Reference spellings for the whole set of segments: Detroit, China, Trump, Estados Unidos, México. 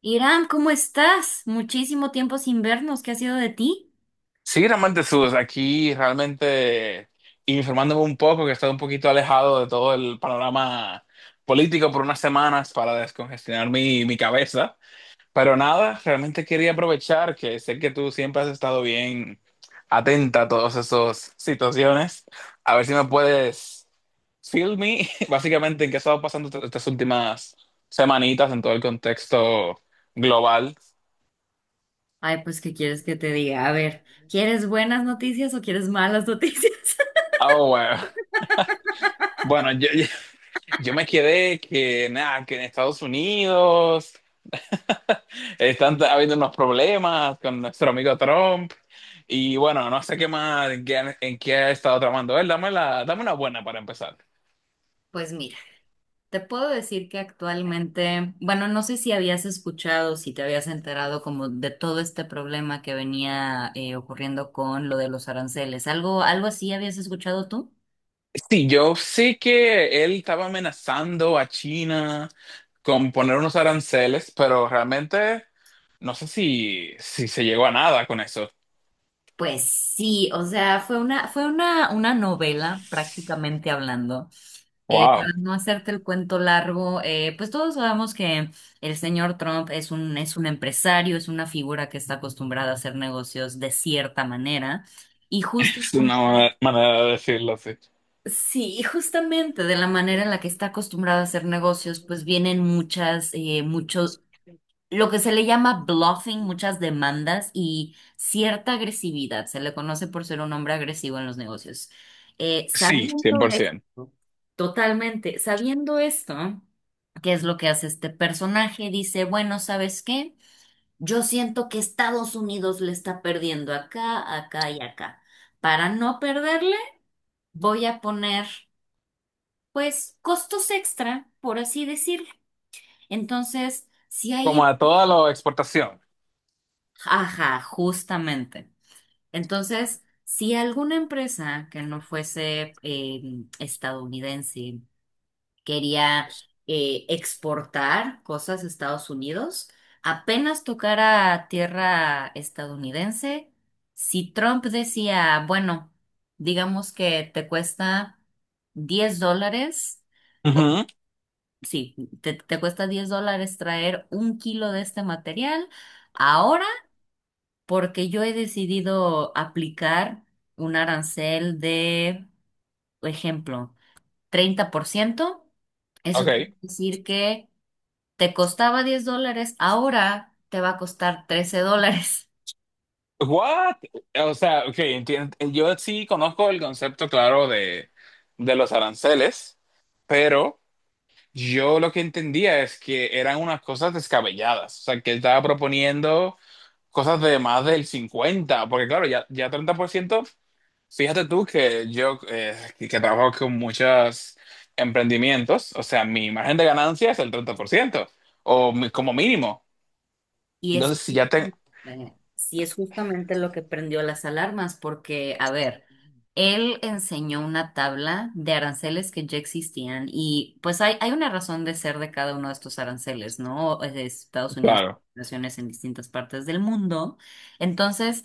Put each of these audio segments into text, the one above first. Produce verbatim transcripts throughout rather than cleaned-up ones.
Irán, ¿cómo estás? Muchísimo tiempo sin vernos. ¿Qué ha sido de ti? Sí, realmente Sus, aquí realmente informándome un poco, que he estado un poquito alejado de todo el panorama político por unas semanas para descongestionar mi, mi cabeza. Pero nada, realmente quería aprovechar que sé que tú siempre has estado bien atenta a todas esas situaciones. A ver si me puedes fill me, básicamente, en qué ha estado pasando est- estas últimas semanitas en todo el contexto global. Ay, pues, ¿qué quieres que te diga? A ver, ¿quieres buenas noticias o quieres malas noticias? Ah, bueno. Bueno, yo, yo me quedé que, nada, que en Estados Unidos están t- habiendo unos problemas con nuestro amigo Trump. Y bueno, no sé qué más, en qué, han- en qué ha estado tramando él. Dame, la, dame una buena para empezar. Pues mira, te puedo decir que actualmente, bueno, no sé si habías escuchado, si te habías enterado como de todo este problema que venía eh, ocurriendo con lo de los aranceles. ¿Algo, algo así habías escuchado tú? Sí, yo sé que él estaba amenazando a China con poner unos aranceles, pero realmente no sé si, si se llegó a nada con eso. Pues sí, o sea, fue una, fue una, una novela prácticamente hablando. Eh, para Wow, no hacerte el cuento largo, eh, pues todos sabemos que el señor Trump es un, es un empresario, es una figura que está acostumbrada a hacer negocios de cierta manera. Y justo, es una ma- manera de decirlo así. sí, y justamente de la manera en la que está acostumbrada a hacer negocios, pues vienen muchas, eh, muchos lo que se le llama bluffing, muchas demandas y cierta agresividad. Se le conoce por ser un hombre agresivo en los negocios. Eh, Sí, sabiendo cien por ciento. esto, totalmente, sabiendo esto, ¿qué es lo que hace este personaje? Dice, bueno, ¿sabes qué? Yo siento que Estados Unidos le está perdiendo acá, acá y acá. Para no perderle, voy a poner, pues, costos extra, por así decirlo. Entonces, si Como hay... a toda la exportación. Ajá, justamente. Entonces, si alguna empresa que no fuese eh, estadounidense quería eh, exportar cosas a Estados Unidos, apenas tocara tierra estadounidense, si Trump decía, bueno, digamos que te cuesta diez dólares, Ujú. sí, te, te cuesta diez dólares traer un kilo de este material, ahora porque yo he decidido aplicar un arancel de, por ejemplo, treinta por ciento. Eso quiere Okay. decir que te costaba diez dólares, ahora te va a costar trece dólares. What? O sea, okay, entien- eh, yo sí conozco el concepto claro de, de los aranceles, pero yo lo que entendía es que eran unas cosas descabelladas. O sea, que él estaba proponiendo cosas de más del cincuenta, porque claro, ya, ya treinta por ciento, fíjate tú que yo eh, que que trabajo con muchos emprendimientos, o sea, mi margen de ganancia es el treinta por ciento o mi- como mínimo. Y es, Entonces, si ya tengo... eh, sí es justamente lo que prendió las alarmas, porque, a ver, él enseñó una tabla de aranceles que ya existían y pues hay, hay una razón de ser de cada uno de estos aranceles, ¿no? Es de Estados Unidos, Claro. naciones en distintas partes del mundo. Entonces,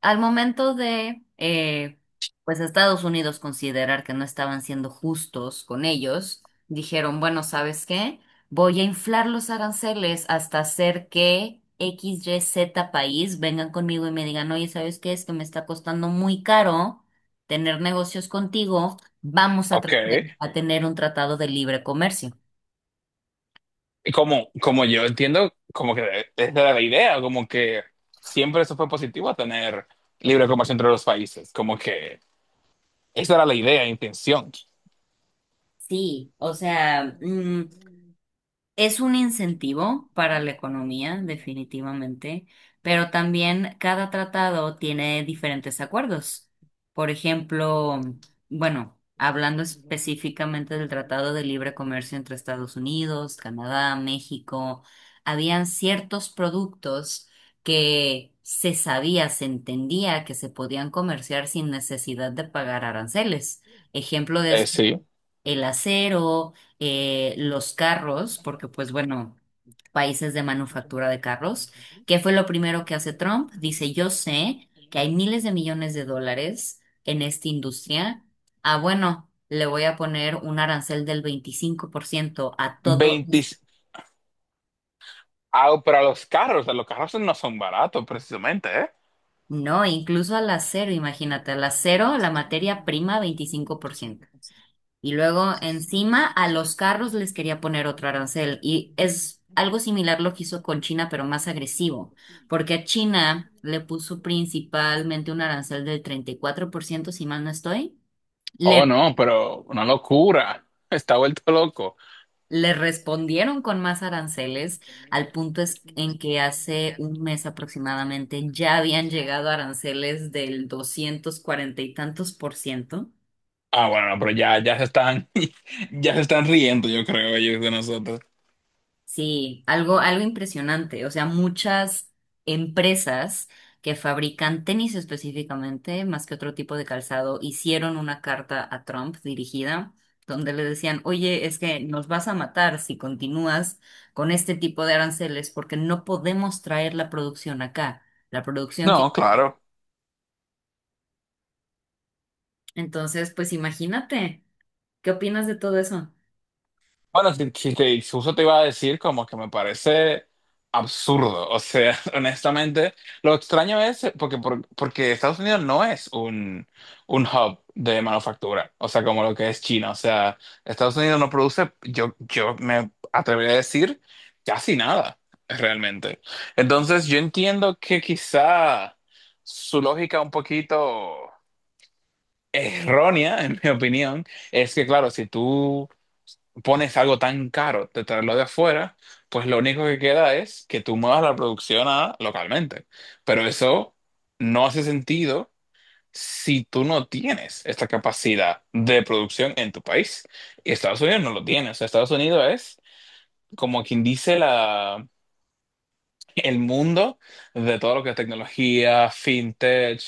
al momento de, eh, pues, Estados Unidos considerar que no estaban siendo justos con ellos, dijeron, bueno, ¿sabes qué? Voy a inflar los aranceles hasta hacer que X Y Z país vengan conmigo y me digan, oye, ¿sabes qué? Es que me está costando muy caro tener negocios contigo. Vamos a, Ok. tra- a tener un tratado de libre comercio. Y como, como yo entiendo, como que esa era la idea, como que siempre eso fue positivo, tener libre comercio entre los países, como que esa era la idea, la intención. Sí, o sea, mm, Es un incentivo para la economía, definitivamente, pero también cada tratado tiene diferentes acuerdos. Por ejemplo, bueno, hablando específicamente del Tratado de Libre Comercio entre Estados Unidos, Canadá, México, habían ciertos productos que se sabía, se entendía que se podían comerciar sin necesidad de pagar aranceles. Ejemplo de Eh, eso Sí, el acero, eh, los carros, porque pues bueno, países de manufactura de carros. ¿Qué fue lo primero que hace Trump? Dice, yo sé que hay miles de millones de dólares en esta industria. Ah, bueno, le voy a poner un arancel del veinticinco por ciento a todo. veinte, ah, pero los carros, los carros no son baratos precisamente, ¿eh? No, incluso al acero, imagínate, al acero, la materia prima, veinticinco por ciento. Y luego encima a los carros les quería poner otro arancel. Y es algo similar lo que hizo con China, pero más agresivo, porque a China le puso principalmente un arancel del treinta y cuatro por ciento si mal no estoy. Oh, Le, no, pero una locura, está vuelto loco. le respondieron con más aranceles, al punto es en que hace un mes aproximadamente ya habían llegado aranceles del doscientos cuarenta y tantos por ciento. Ah, bueno, no, pero ya, ya se están, ya se están riendo, yo creo, ellos de nosotros. Sí, algo, algo impresionante. O sea, muchas empresas que fabrican tenis específicamente, más que otro tipo de calzado, hicieron una carta a Trump dirigida donde le decían, oye, es que nos vas a matar si continúas con este tipo de aranceles porque no podemos traer la producción acá, la producción No, que... claro. Entonces, pues imagínate, ¿qué opinas de todo eso? Bueno, si, si te justo te iba a decir como que me parece absurdo. O sea, honestamente, lo extraño es eh, porque, por- porque Estados Unidos no es un, un hub de manufactura, o sea, como lo que es China. O sea, Estados Unidos no produce, yo, yo me atrevería a decir, casi nada, realmente. Entonces, yo entiendo que quizá su lógica un poquito errónea, en mi opinión, es que, claro, si tú pones algo tan caro de traerlo de afuera, pues lo único que queda es que tú muevas la producción a localmente. Pero eso no hace sentido si tú no tienes esta capacidad de producción en tu país. Y Estados Unidos no lo tiene. O sea, Estados Unidos es como quien dice la, el mundo de todo lo que es tecnología, fintech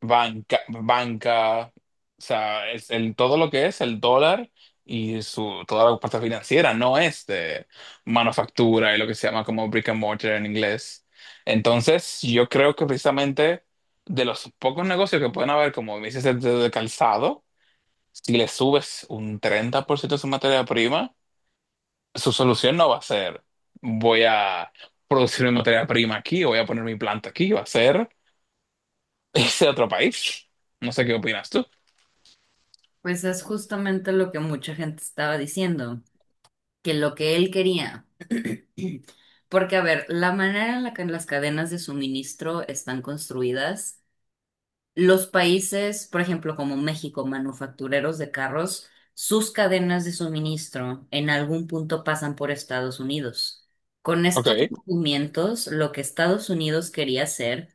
banca, banca, o sea, es el, todo lo que es el dólar y su, toda la parte financiera, no es de manufactura y lo que se llama como brick and mortar en inglés. Entonces, yo creo que precisamente de los pocos negocios que pueden haber, como me dices, de, de calzado, si le subes un treinta por ciento de su materia prima, su solución no va a ser, voy a producir mi materia prima aquí, voy a poner mi planta aquí, va a ser irse a otro país. No sé qué opinas tú. Pues es justamente lo que mucha gente estaba diciendo. que lo que él quería. Porque, a ver, la manera en la que las cadenas de suministro están construidas, los países, por ejemplo, como México, manufactureros de carros, sus cadenas de suministro en algún punto pasan por Estados Unidos. Con Ok. estos movimientos, lo que Estados Unidos quería hacer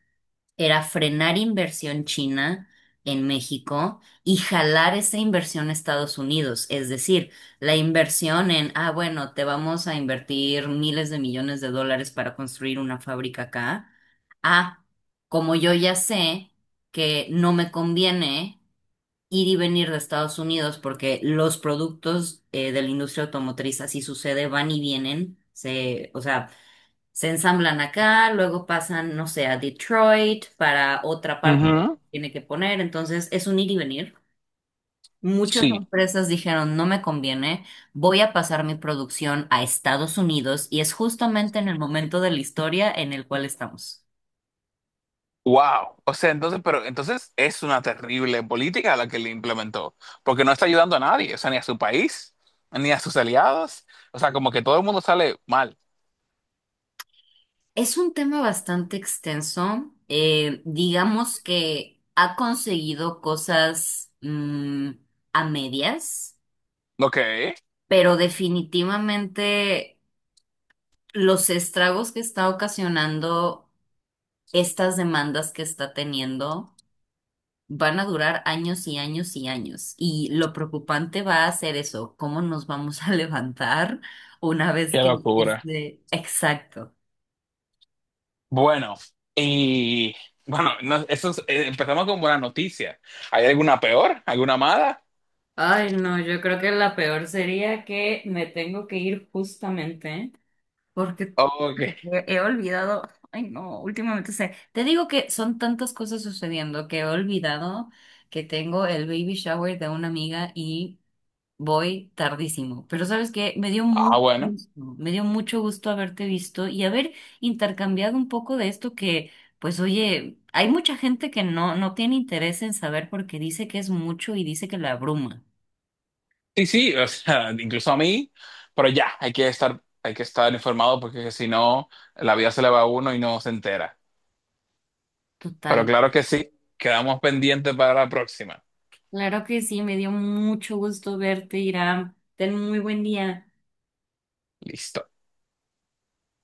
era frenar inversión china en México y jalar esa inversión a Estados Unidos. Es decir, la inversión en, ah, bueno, te vamos a invertir miles de millones de dólares para construir una fábrica acá. Ah, como yo ya sé que no me conviene ir y venir de Estados Unidos porque los productos eh, de la industria automotriz, así sucede, van y vienen. Se, o sea, se ensamblan acá, luego pasan, no sé, a Detroit para otra parte que Ujú. tiene que poner, entonces es un ir y venir. Muchas Sí. empresas dijeron, no me conviene, voy a pasar mi producción a Estados Unidos y es justamente en el momento de la historia en el cual estamos. Wow. O sea, entonces, pero entonces es una terrible política la que le implementó, porque no está ayudando a nadie, o sea, ni a su país, ni a sus aliados. O sea, como que todo el mundo sale mal. Es un tema bastante extenso, eh, digamos que ha conseguido cosas mm, a medias, Ok. Qué pero definitivamente los estragos que está ocasionando estas demandas que está teniendo van a durar años y años y años. Y lo preocupante va a ser eso, cómo nos vamos a levantar una vez que locura. esté exacto. Bueno, y bueno, no- eso es- eh, empezamos con buena noticia. ¿Hay alguna peor? ¿Alguna mala? Ay, no, yo creo que la peor sería que me tengo que ir justamente porque Ok. he he olvidado, ay no, últimamente sé, te digo que son tantas cosas sucediendo que he olvidado que tengo el baby shower de una amiga y Voy tardísimo, pero sabes que me dio Ah, mucho bueno. gusto, me dio mucho gusto haberte visto y haber intercambiado un poco de esto que, pues oye, hay mucha gente que no, no tiene interés en saber porque dice que es mucho y dice que la abruma. Sí, sí, o sea, incluso a mí, pero ya, hay que estar, hay que estar informado porque si no, la vida se le va a uno y no se entera. Pero Total. claro que sí, quedamos pendientes para la próxima. Claro que sí, me dio mucho gusto verte, Irán. Ten muy buen día. Listo.